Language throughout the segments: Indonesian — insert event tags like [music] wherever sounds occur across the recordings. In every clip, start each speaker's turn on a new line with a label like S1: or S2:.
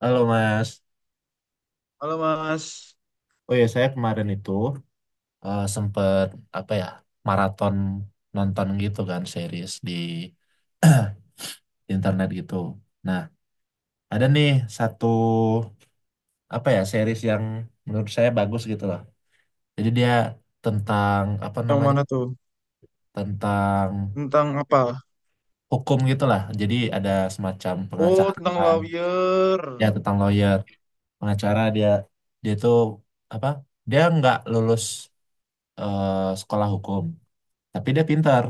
S1: Halo Mas,
S2: Halo Mas,
S1: oh ya saya kemarin itu sempet apa ya maraton nonton gitu kan series di [clears throat] internet gitu. Nah ada nih satu apa ya series yang menurut saya bagus gitu loh. Jadi dia tentang apa
S2: yang
S1: namanya
S2: mana tuh?
S1: tentang
S2: Tentang apa?
S1: hukum gitu lah. Jadi ada semacam
S2: Oh,
S1: pengacara
S2: tentang lawyer.
S1: ya tentang lawyer pengacara dia dia tuh apa dia nggak lulus eh, sekolah hukum tapi dia pintar.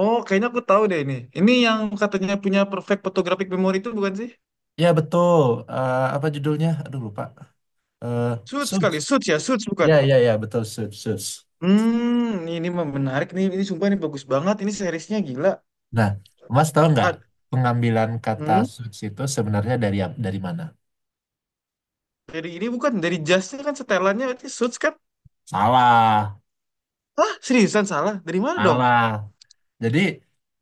S2: Oh, kayaknya aku tahu deh ini. Ini yang katanya punya perfect photographic memory itu bukan sih?
S1: Ya betul. Eh, apa judulnya? Aduh lupa. Eh
S2: Suits
S1: Suits.
S2: sekali, Suits ya, Suits bukan?
S1: Ya ya ya betul Suits Suits.
S2: Hmm, ini mah menarik nih. Ini sumpah ini bagus banget. Ini seriesnya gila.
S1: Nah, Mas tahu nggak
S2: Ah,
S1: pengambilan kata
S2: Hmm,
S1: Suits itu sebenarnya dari dari mana?
S2: dari ini bukan dari jasnya kan, setelannya berarti Suits kan?
S1: Salah,
S2: Hah, seriusan salah? Dari mana dong?
S1: salah. Jadi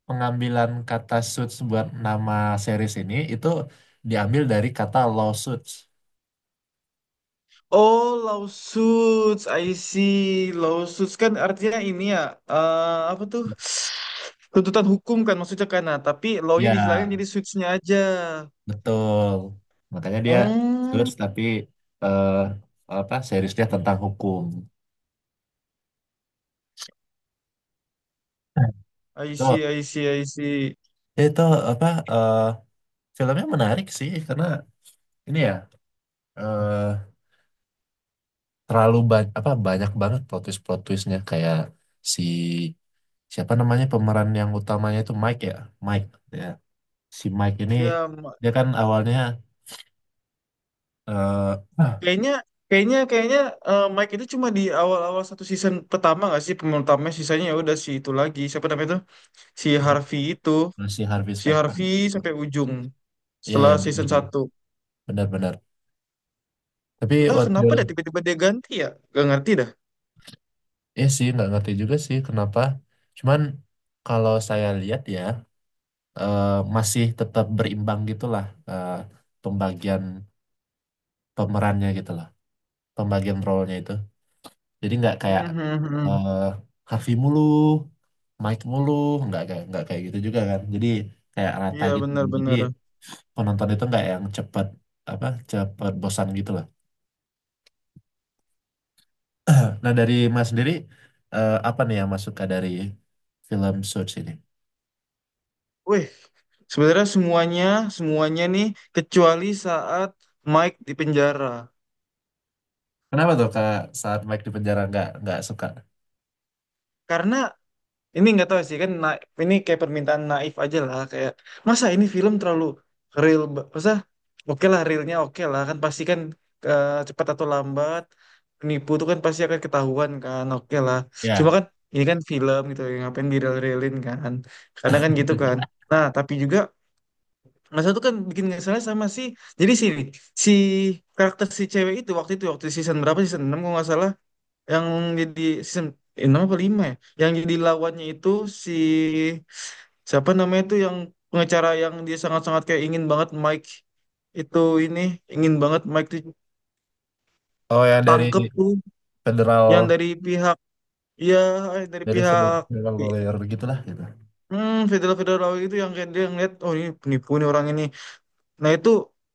S1: pengambilan kata Suits buat nama series ini itu diambil dari kata lawsuits.
S2: Oh, lawsuits, I see. Lawsuits kan artinya ini ya, apa tuh? Tuntutan hukum kan maksudnya kan, nah tapi law-nya
S1: Ya
S2: dihilangin jadi suits-nya aja.
S1: betul. Makanya dia
S2: Oh,
S1: Suits tapi eh apa seriesnya tentang hukum. [laughs]
S2: I
S1: Itu
S2: see I see I see,
S1: itu apa? eh, Filmnya menarik sih karena ini ya eh terlalu banyak apa banyak banget plot twist plot twistnya kayak si siapa namanya pemeran yang utamanya itu Mike ya si Mike ini
S2: ya ma-
S1: dia kan awalnya eh ah,
S2: kayaknya kayaknya kayaknya, Mike itu cuma di awal-awal satu season pertama nggak sih pemeran utamanya, sisanya ya udah si itu lagi siapa namanya itu, si Harvey itu.
S1: masih Harvey
S2: Si
S1: Specter
S2: Harvey sampai ujung
S1: iya
S2: setelah
S1: iya benar
S2: season
S1: ya
S2: satu,
S1: benar-benar tapi
S2: entah
S1: waktu
S2: kenapa dah tiba-tiba dia ganti ya, gak ngerti dah.
S1: ya sih nggak ngerti juga sih kenapa cuman kalau saya lihat ya eh masih tetap berimbang gitulah eh pembagian pemerannya gitu loh pembagian role-nya itu. Jadi nggak kayak
S2: Mhm, mhm.
S1: eh Harvey mulu, Mike mulu, nggak kayak gitu juga kan. Jadi kayak rata
S2: Iya
S1: gitu. Jadi
S2: benar-benar.
S1: penonton itu nggak yang cepet apa cepet bosan gitu lah. Nah dari Mas sendiri apa nih yang Mas suka dari film Suits ini?
S2: Wih, sebenarnya semuanya, semuanya nih kecuali saat Mike di penjara.
S1: Kenapa tuh kak saat Mike di penjara nggak suka?
S2: Karena ini nggak tahu sih kan, ini kayak permintaan naif aja lah. Kayak masa ini film terlalu real, masa, oke lah realnya oke lah kan pasti kan, cepat atau lambat penipu tuh kan pasti akan ketahuan kan, oke lah. Cuma
S1: Ya.
S2: kan ini kan film gitu, yang ngapain di real-realin kan. Kadang kan gitu kan. Nah tapi juga Mas satu kan bikin nggak salah sama si, jadi sini si karakter si cewek itu waktu season berapa, season 6 kalau nggak salah, yang jadi season enam apa lima ya, yang jadi lawannya itu si siapa namanya itu, yang pengacara yang dia sangat-sangat kayak ingin banget Mike itu, ini ingin banget Mike itu
S1: Oh yang
S2: tangkep tuh, yang
S1: federal
S2: dari pihak, ya dari
S1: dari federal,
S2: pihak,
S1: federal lawyer gitulah gitu.
S2: federal federal itu yang kayak dia ngeliat oh ini penipu nih orang ini. Nah itu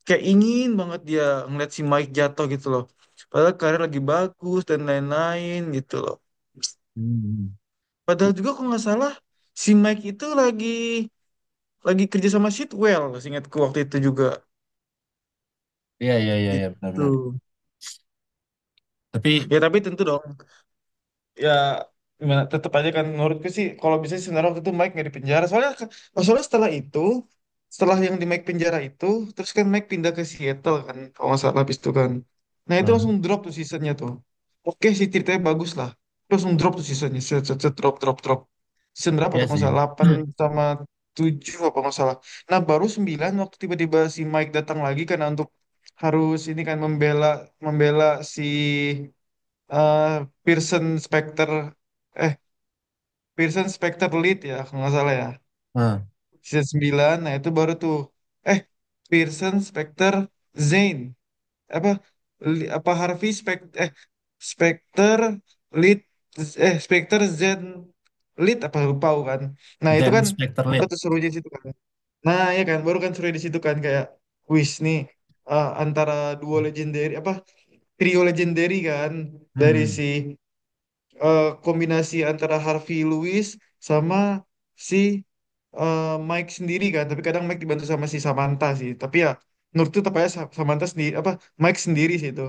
S2: kayak ingin banget dia ngeliat si Mike jatuh gitu loh. Padahal karir lagi bagus dan lain-lain gitu loh.
S1: Hmm.
S2: Padahal juga kalau nggak salah si Mike itu lagi kerja sama Sitwell, seingatku waktu itu juga
S1: Iya iya iya iya benar-benar.
S2: gitu.
S1: Tapi
S2: Ya tapi tentu dong ya, gimana tetap aja kan menurutku sih, kalau bisa sih sebenarnya waktu itu Mike nggak di penjara soalnya soalnya setelah itu, setelah yang di Mike penjara itu, terus kan Mike pindah ke Seattle kan kalau nggak salah habis itu kan, nah itu
S1: Hmm.
S2: langsung drop tuh seasonnya tuh. Oke sih ceritanya bagus lah, terus langsung drop tuh seasonnya, set, set, set, drop drop drop. Season berapa
S1: Iya
S2: tuh kalau nggak
S1: sih.
S2: salah delapan,
S1: [clears throat]
S2: sama 7 apa kalau nggak salah. Nah baru 9 waktu tiba-tiba si Mike datang lagi karena untuk, harus ini kan membela, membela si eh Pearson Specter, eh Pearson Specter Lead ya kalau nggak salah ya,
S1: ah
S2: season 9. Nah itu baru tuh, eh Pearson Specter Zane apa Li- apa Harvey Specter Lead, Specter Zane Lead apa, lupa aku kan. Nah itu
S1: Zen
S2: kan
S1: Spectre
S2: baru
S1: Lead.
S2: tuh serunya di situ kan, nah ya kan baru kan serunya di situ kan kayak wis nih, antara duo legendary apa trio legendary kan, dari si,
S1: Hmm,
S2: kombinasi antara Harvey Lewis sama si, eh, Mike sendiri kan, tapi kadang Mike dibantu sama si Samantha sih tapi ya menurutku tepatnya Samantha sendiri apa Mike sendiri sih itu.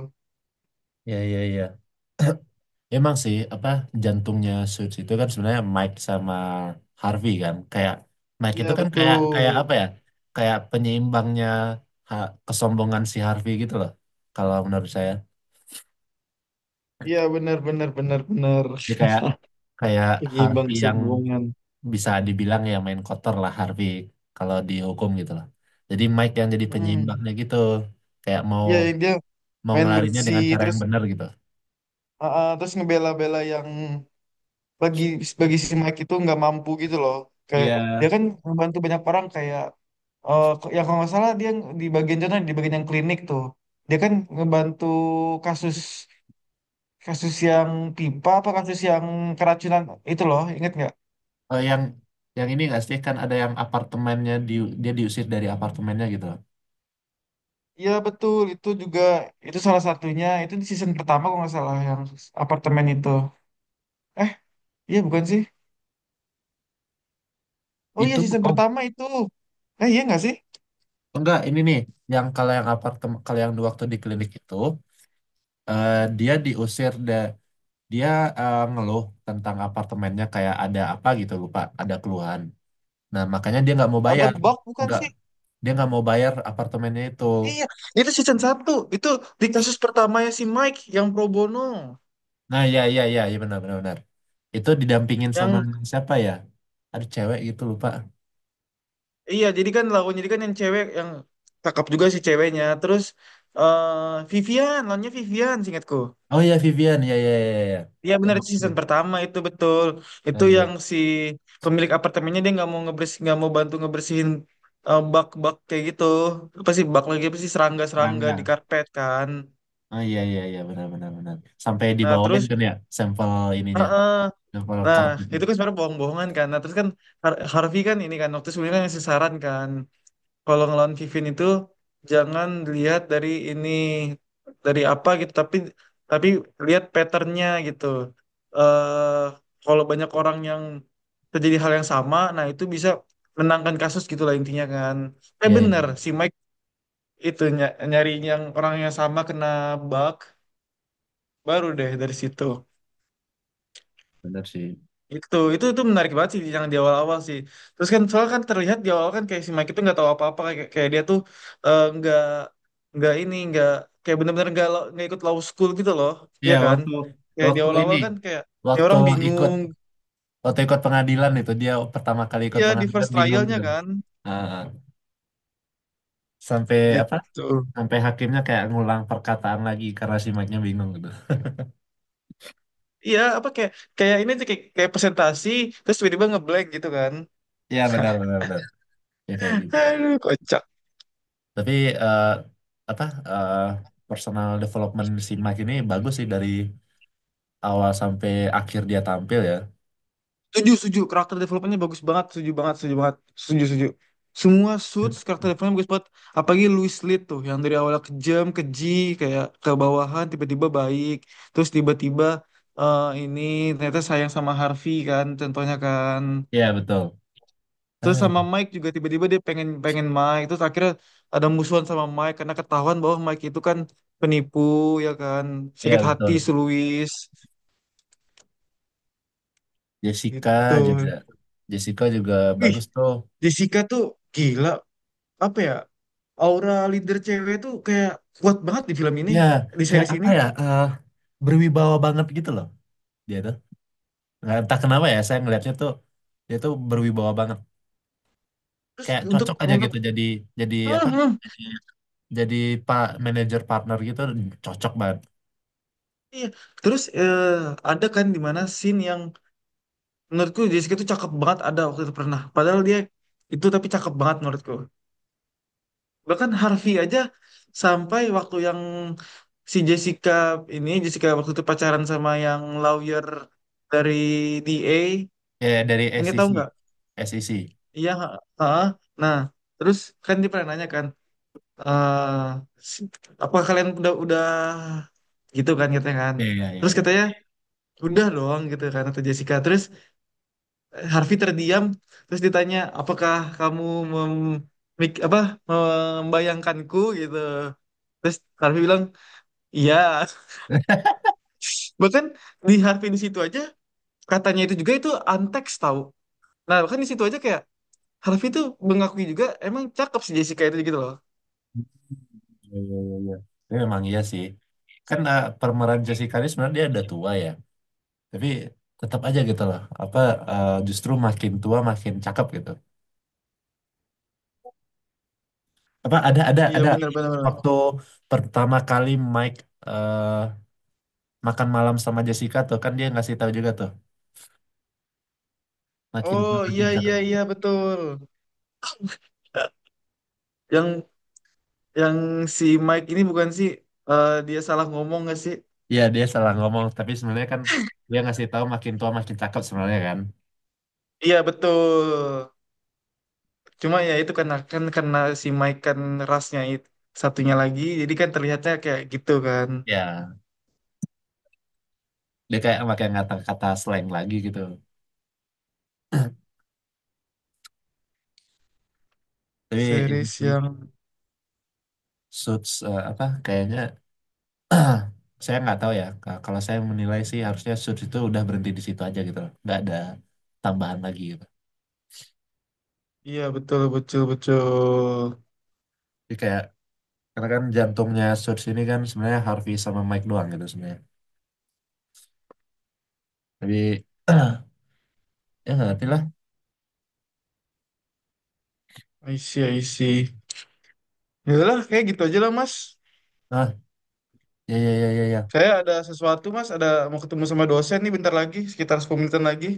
S1: ya ya ya. Emang sih apa jantungnya Suits itu kan sebenarnya Mike sama Harvey kan. Kayak Mike
S2: Iya
S1: itu kan kayak
S2: betul.
S1: kayak apa ya? Kayak penyeimbangnya kesombongan si Harvey gitu loh. Kalau menurut saya.
S2: Iya benar benar benar benar.
S1: Jadi kayak
S2: [laughs]
S1: kayak
S2: Penyeimbang
S1: Harvey yang
S2: kesombongan.
S1: bisa dibilang ya main kotor lah Harvey kalau dihukum gitu loh. Jadi Mike yang jadi
S2: hmm.
S1: penyeimbangnya gitu. Kayak mau
S2: Iya yang dia
S1: mau
S2: main
S1: ngelarinya dengan
S2: bersih
S1: cara
S2: terus,
S1: yang benar gitu.
S2: terus ngebela-bela yang bagi bagi si Mike itu nggak mampu gitu loh. Kayak
S1: Iya,
S2: dia kan membantu banyak orang, kayak ya kalau nggak salah dia di bagian contoh di bagian yang klinik tuh, dia kan ngebantu kasus, kasus yang pipa apa kasus yang keracunan, itu loh inget nggak?
S1: eh, yang yang ini nggak sih kan ada yang apartemennya di, dia diusir dari apartemennya gitu loh.
S2: Iya betul itu juga, itu salah satunya itu di season pertama kalau nggak salah, yang apartemen itu, eh iya bukan sih, oh iya
S1: Itu
S2: season
S1: oh
S2: pertama itu, iya nggak sih,
S1: enggak ini nih yang kalau yang apartemen kalau yang waktu di klinik itu dia diusir da, dia ngeluh tentang apartemennya kayak ada apa gitu lupa ada keluhan. Nah makanya dia nggak mau
S2: ada
S1: bayar
S2: bug bukan
S1: nggak
S2: sih.
S1: dia nggak mau bayar apartemennya itu.
S2: Iya, itu season satu. Itu di kasus pertamanya si Mike yang pro bono.
S1: Nah ya ya ya ya benar benar benar. Itu didampingin sama
S2: Yang
S1: siapa ya? Ada cewek gitu lupa.
S2: iya, jadi kan lawannya, jadi kan yang cewek yang cakep juga si ceweknya. Terus eh Vivian, lawannya Vivian seingatku.
S1: Oh ya Vivian ya ya ya
S2: Iya
S1: ya.
S2: benar itu
S1: Ya.
S2: season pertama itu betul.
S1: Oh,
S2: Itu yang
S1: iya.
S2: si pemilik apartemennya dia nggak mau ngebers, nggak mau bantu ngebersihin, bak-bak kayak gitu. Apa sih bak lagi, apa sih serangga-serangga
S1: Serangga.
S2: di karpet kan.
S1: Oh iya iya iya benar benar benar. Sampai
S2: Nah,
S1: dibawain
S2: terus
S1: kan ya sampel ininya, sampel
S2: Nah,
S1: karpetnya.
S2: itu kan sebenarnya bohong-bohongan kan. Nah, terus kan Harvey kan ini kan waktu sebelumnya kan ngasih saran kan kalau ngelawan Vivin itu jangan lihat dari ini dari apa gitu, tapi, tapi lihat patternnya gitu. Eh kalau banyak orang yang terjadi hal yang sama, nah itu bisa menangkan kasus gitu lah intinya kan. Eh
S1: Iya iya.
S2: bener
S1: Iya.
S2: si Mike itu nyari yang orang yang sama kena bug baru deh dari situ.
S1: Benar sih.
S2: Itu menarik banget sih yang di awal-awal sih. Terus kan soalnya kan terlihat di awal kan kayak si Mike itu nggak tahu apa-apa, kayak, kayak dia tuh eh, nggak nggak ini nggak kayak bener-bener nggak nggak ikut law school gitu loh,
S1: Iya
S2: iya kan?
S1: waktu
S2: Kayak di
S1: waktu ini
S2: awal-awal kan kayak ini
S1: waktu
S2: orang
S1: ikut
S2: bingung,
S1: waktu ikut pengadilan itu dia pertama kali ikut
S2: iya di
S1: pengadilan
S2: first
S1: bingung
S2: trialnya
S1: gitu.
S2: kan
S1: Ah, ah. Sampai apa?
S2: gitu.
S1: Sampai hakimnya kayak ngulang perkataan lagi karena si Mike-nya bingung gitu.
S2: Iya apa kayak kayak ini tuh kayak presentasi terus tiba-tiba ngeblank gitu kan?
S1: Iya benar benar
S2: [laughs]
S1: benar. Ya kayak gitu.
S2: Aduh kocak.
S1: Tapi eh, apa eh, personal development si Mike ini bagus sih dari awal sampai akhir dia tampil ya.
S2: Setuju, setuju. Karakter development bagus banget. Setuju banget, setuju banget. Setuju, setuju. Semua suits karakter development bagus banget. Apalagi Louis Litt tuh, yang dari awalnya kejam, keji, kayak ke bawahan, tiba-tiba baik. Terus tiba-tiba ini ternyata sayang sama Harvey kan, contohnya kan.
S1: Iya betul.
S2: Terus
S1: Ah,
S2: sama Mike juga tiba-tiba dia pengen pengen Mike. Terus akhirnya ada musuhan sama Mike karena ketahuan bahwa Mike itu kan penipu, ya kan. Sakit
S1: Iya
S2: hati
S1: betul.
S2: si Louis. Gitu.
S1: Jessica juga. Jessica juga
S2: Wih,
S1: bagus tuh.
S2: Jessica tuh gila apa ya, aura leader cewek itu kayak kuat banget di film ini,
S1: Ya,
S2: di
S1: kayak
S2: series
S1: apa
S2: ini.
S1: ya? Berwibawa banget gitu loh dia tuh. Nggak entah kenapa ya, saya ngelihatnya tuh dia tuh berwibawa banget.
S2: Terus
S1: Kayak
S2: untuk
S1: cocok aja gitu jadi
S2: Hmm,
S1: apa?
S2: hmm,
S1: Jadi pak manajer partner gitu cocok banget.
S2: iya. Terus ada kan di mana scene yang menurutku Jessica itu cakep banget, ada waktu itu pernah padahal dia itu tapi cakep banget menurutku, bahkan Harvey aja sampai waktu yang si Jessica, ini Jessica waktu itu pacaran sama yang lawyer dari DA
S1: Ya dari
S2: ingat
S1: SEC.
S2: tahu nggak,
S1: SEC.
S2: iya ha- ha. Nah terus kan dia pernah nanya kan, eh apa kalian udah gitu kan katanya kan.
S1: Iya iya iya
S2: Terus
S1: iya.
S2: katanya udah dong gitu kan kata Jessica. Terus Harvey terdiam. Terus ditanya apakah kamu mem- mik- apa membayangkanku gitu. Terus Harvey bilang iya.
S1: [laughs]
S2: [laughs] Bahkan di Harvey di situ aja katanya itu juga itu antek tahu. Nah bahkan di situ aja kayak Harvey tuh mengakui juga emang cakep si Jessica itu gitu loh.
S1: Iya iya iya. Iya. Tapi memang iya sih. Kan pemeran Jessica ini sebenarnya dia udah tua ya. Tapi tetap aja gitu loh apa justru makin tua makin cakep gitu apa
S2: Iya
S1: ada
S2: benar benar benar.
S1: waktu pertama kali Mike eh, makan malam sama Jessica tuh kan dia ngasih tahu juga tuh makin tua
S2: Oh iya
S1: makin cakep
S2: iya
S1: juga.
S2: iya betul, yang Yang si Mike ini bukan sih, dia salah ngomong nggak sih?
S1: Iya dia salah ngomong tapi sebenarnya kan dia ngasih tahu makin tua makin cakep sebenarnya kan
S2: Iya betul. Cuma ya itu karena kan karena si Mike kan rasnya itu satunya lagi, jadi kan terlihatnya kayak gitu kan.
S1: ya dia kayak pakai kata-kata slang lagi gitu tapi ini
S2: Series
S1: sih,
S2: yang,
S1: suits apa kayaknya [clears throat] saya nggak tahu ya Ka- kalau saya menilai sih harusnya Suits itu udah berhenti di situ aja gitu loh nggak ada tambahan lagi gitu
S2: iya betul betul betul.
S1: jadi kayak karena kan jantungnya Suits ini kan sebenarnya Harvey sama Mike doang gitu sebenarnya tapi [clears throat] ya nggak ngerti lah
S2: I see I see. Yaudahlah kayak gitu aja lah Mas.
S1: ah ya ya ya ya ya
S2: Saya ada sesuatu Mas, ada mau ketemu sama dosen nih bentar lagi, sekitar 10 menitan lagi.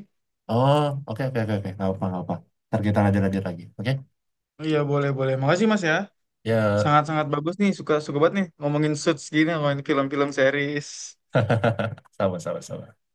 S1: oh oke oke oke oke nggak apa ntar kita lanjut lanjut lagi oke
S2: Iya boleh boleh. Makasih Mas ya.
S1: ya
S2: Sangat-sangat bagus nih, suka suka banget nih ngomongin suits gini, ngomongin film-film series.
S1: [laughs] sama sama sama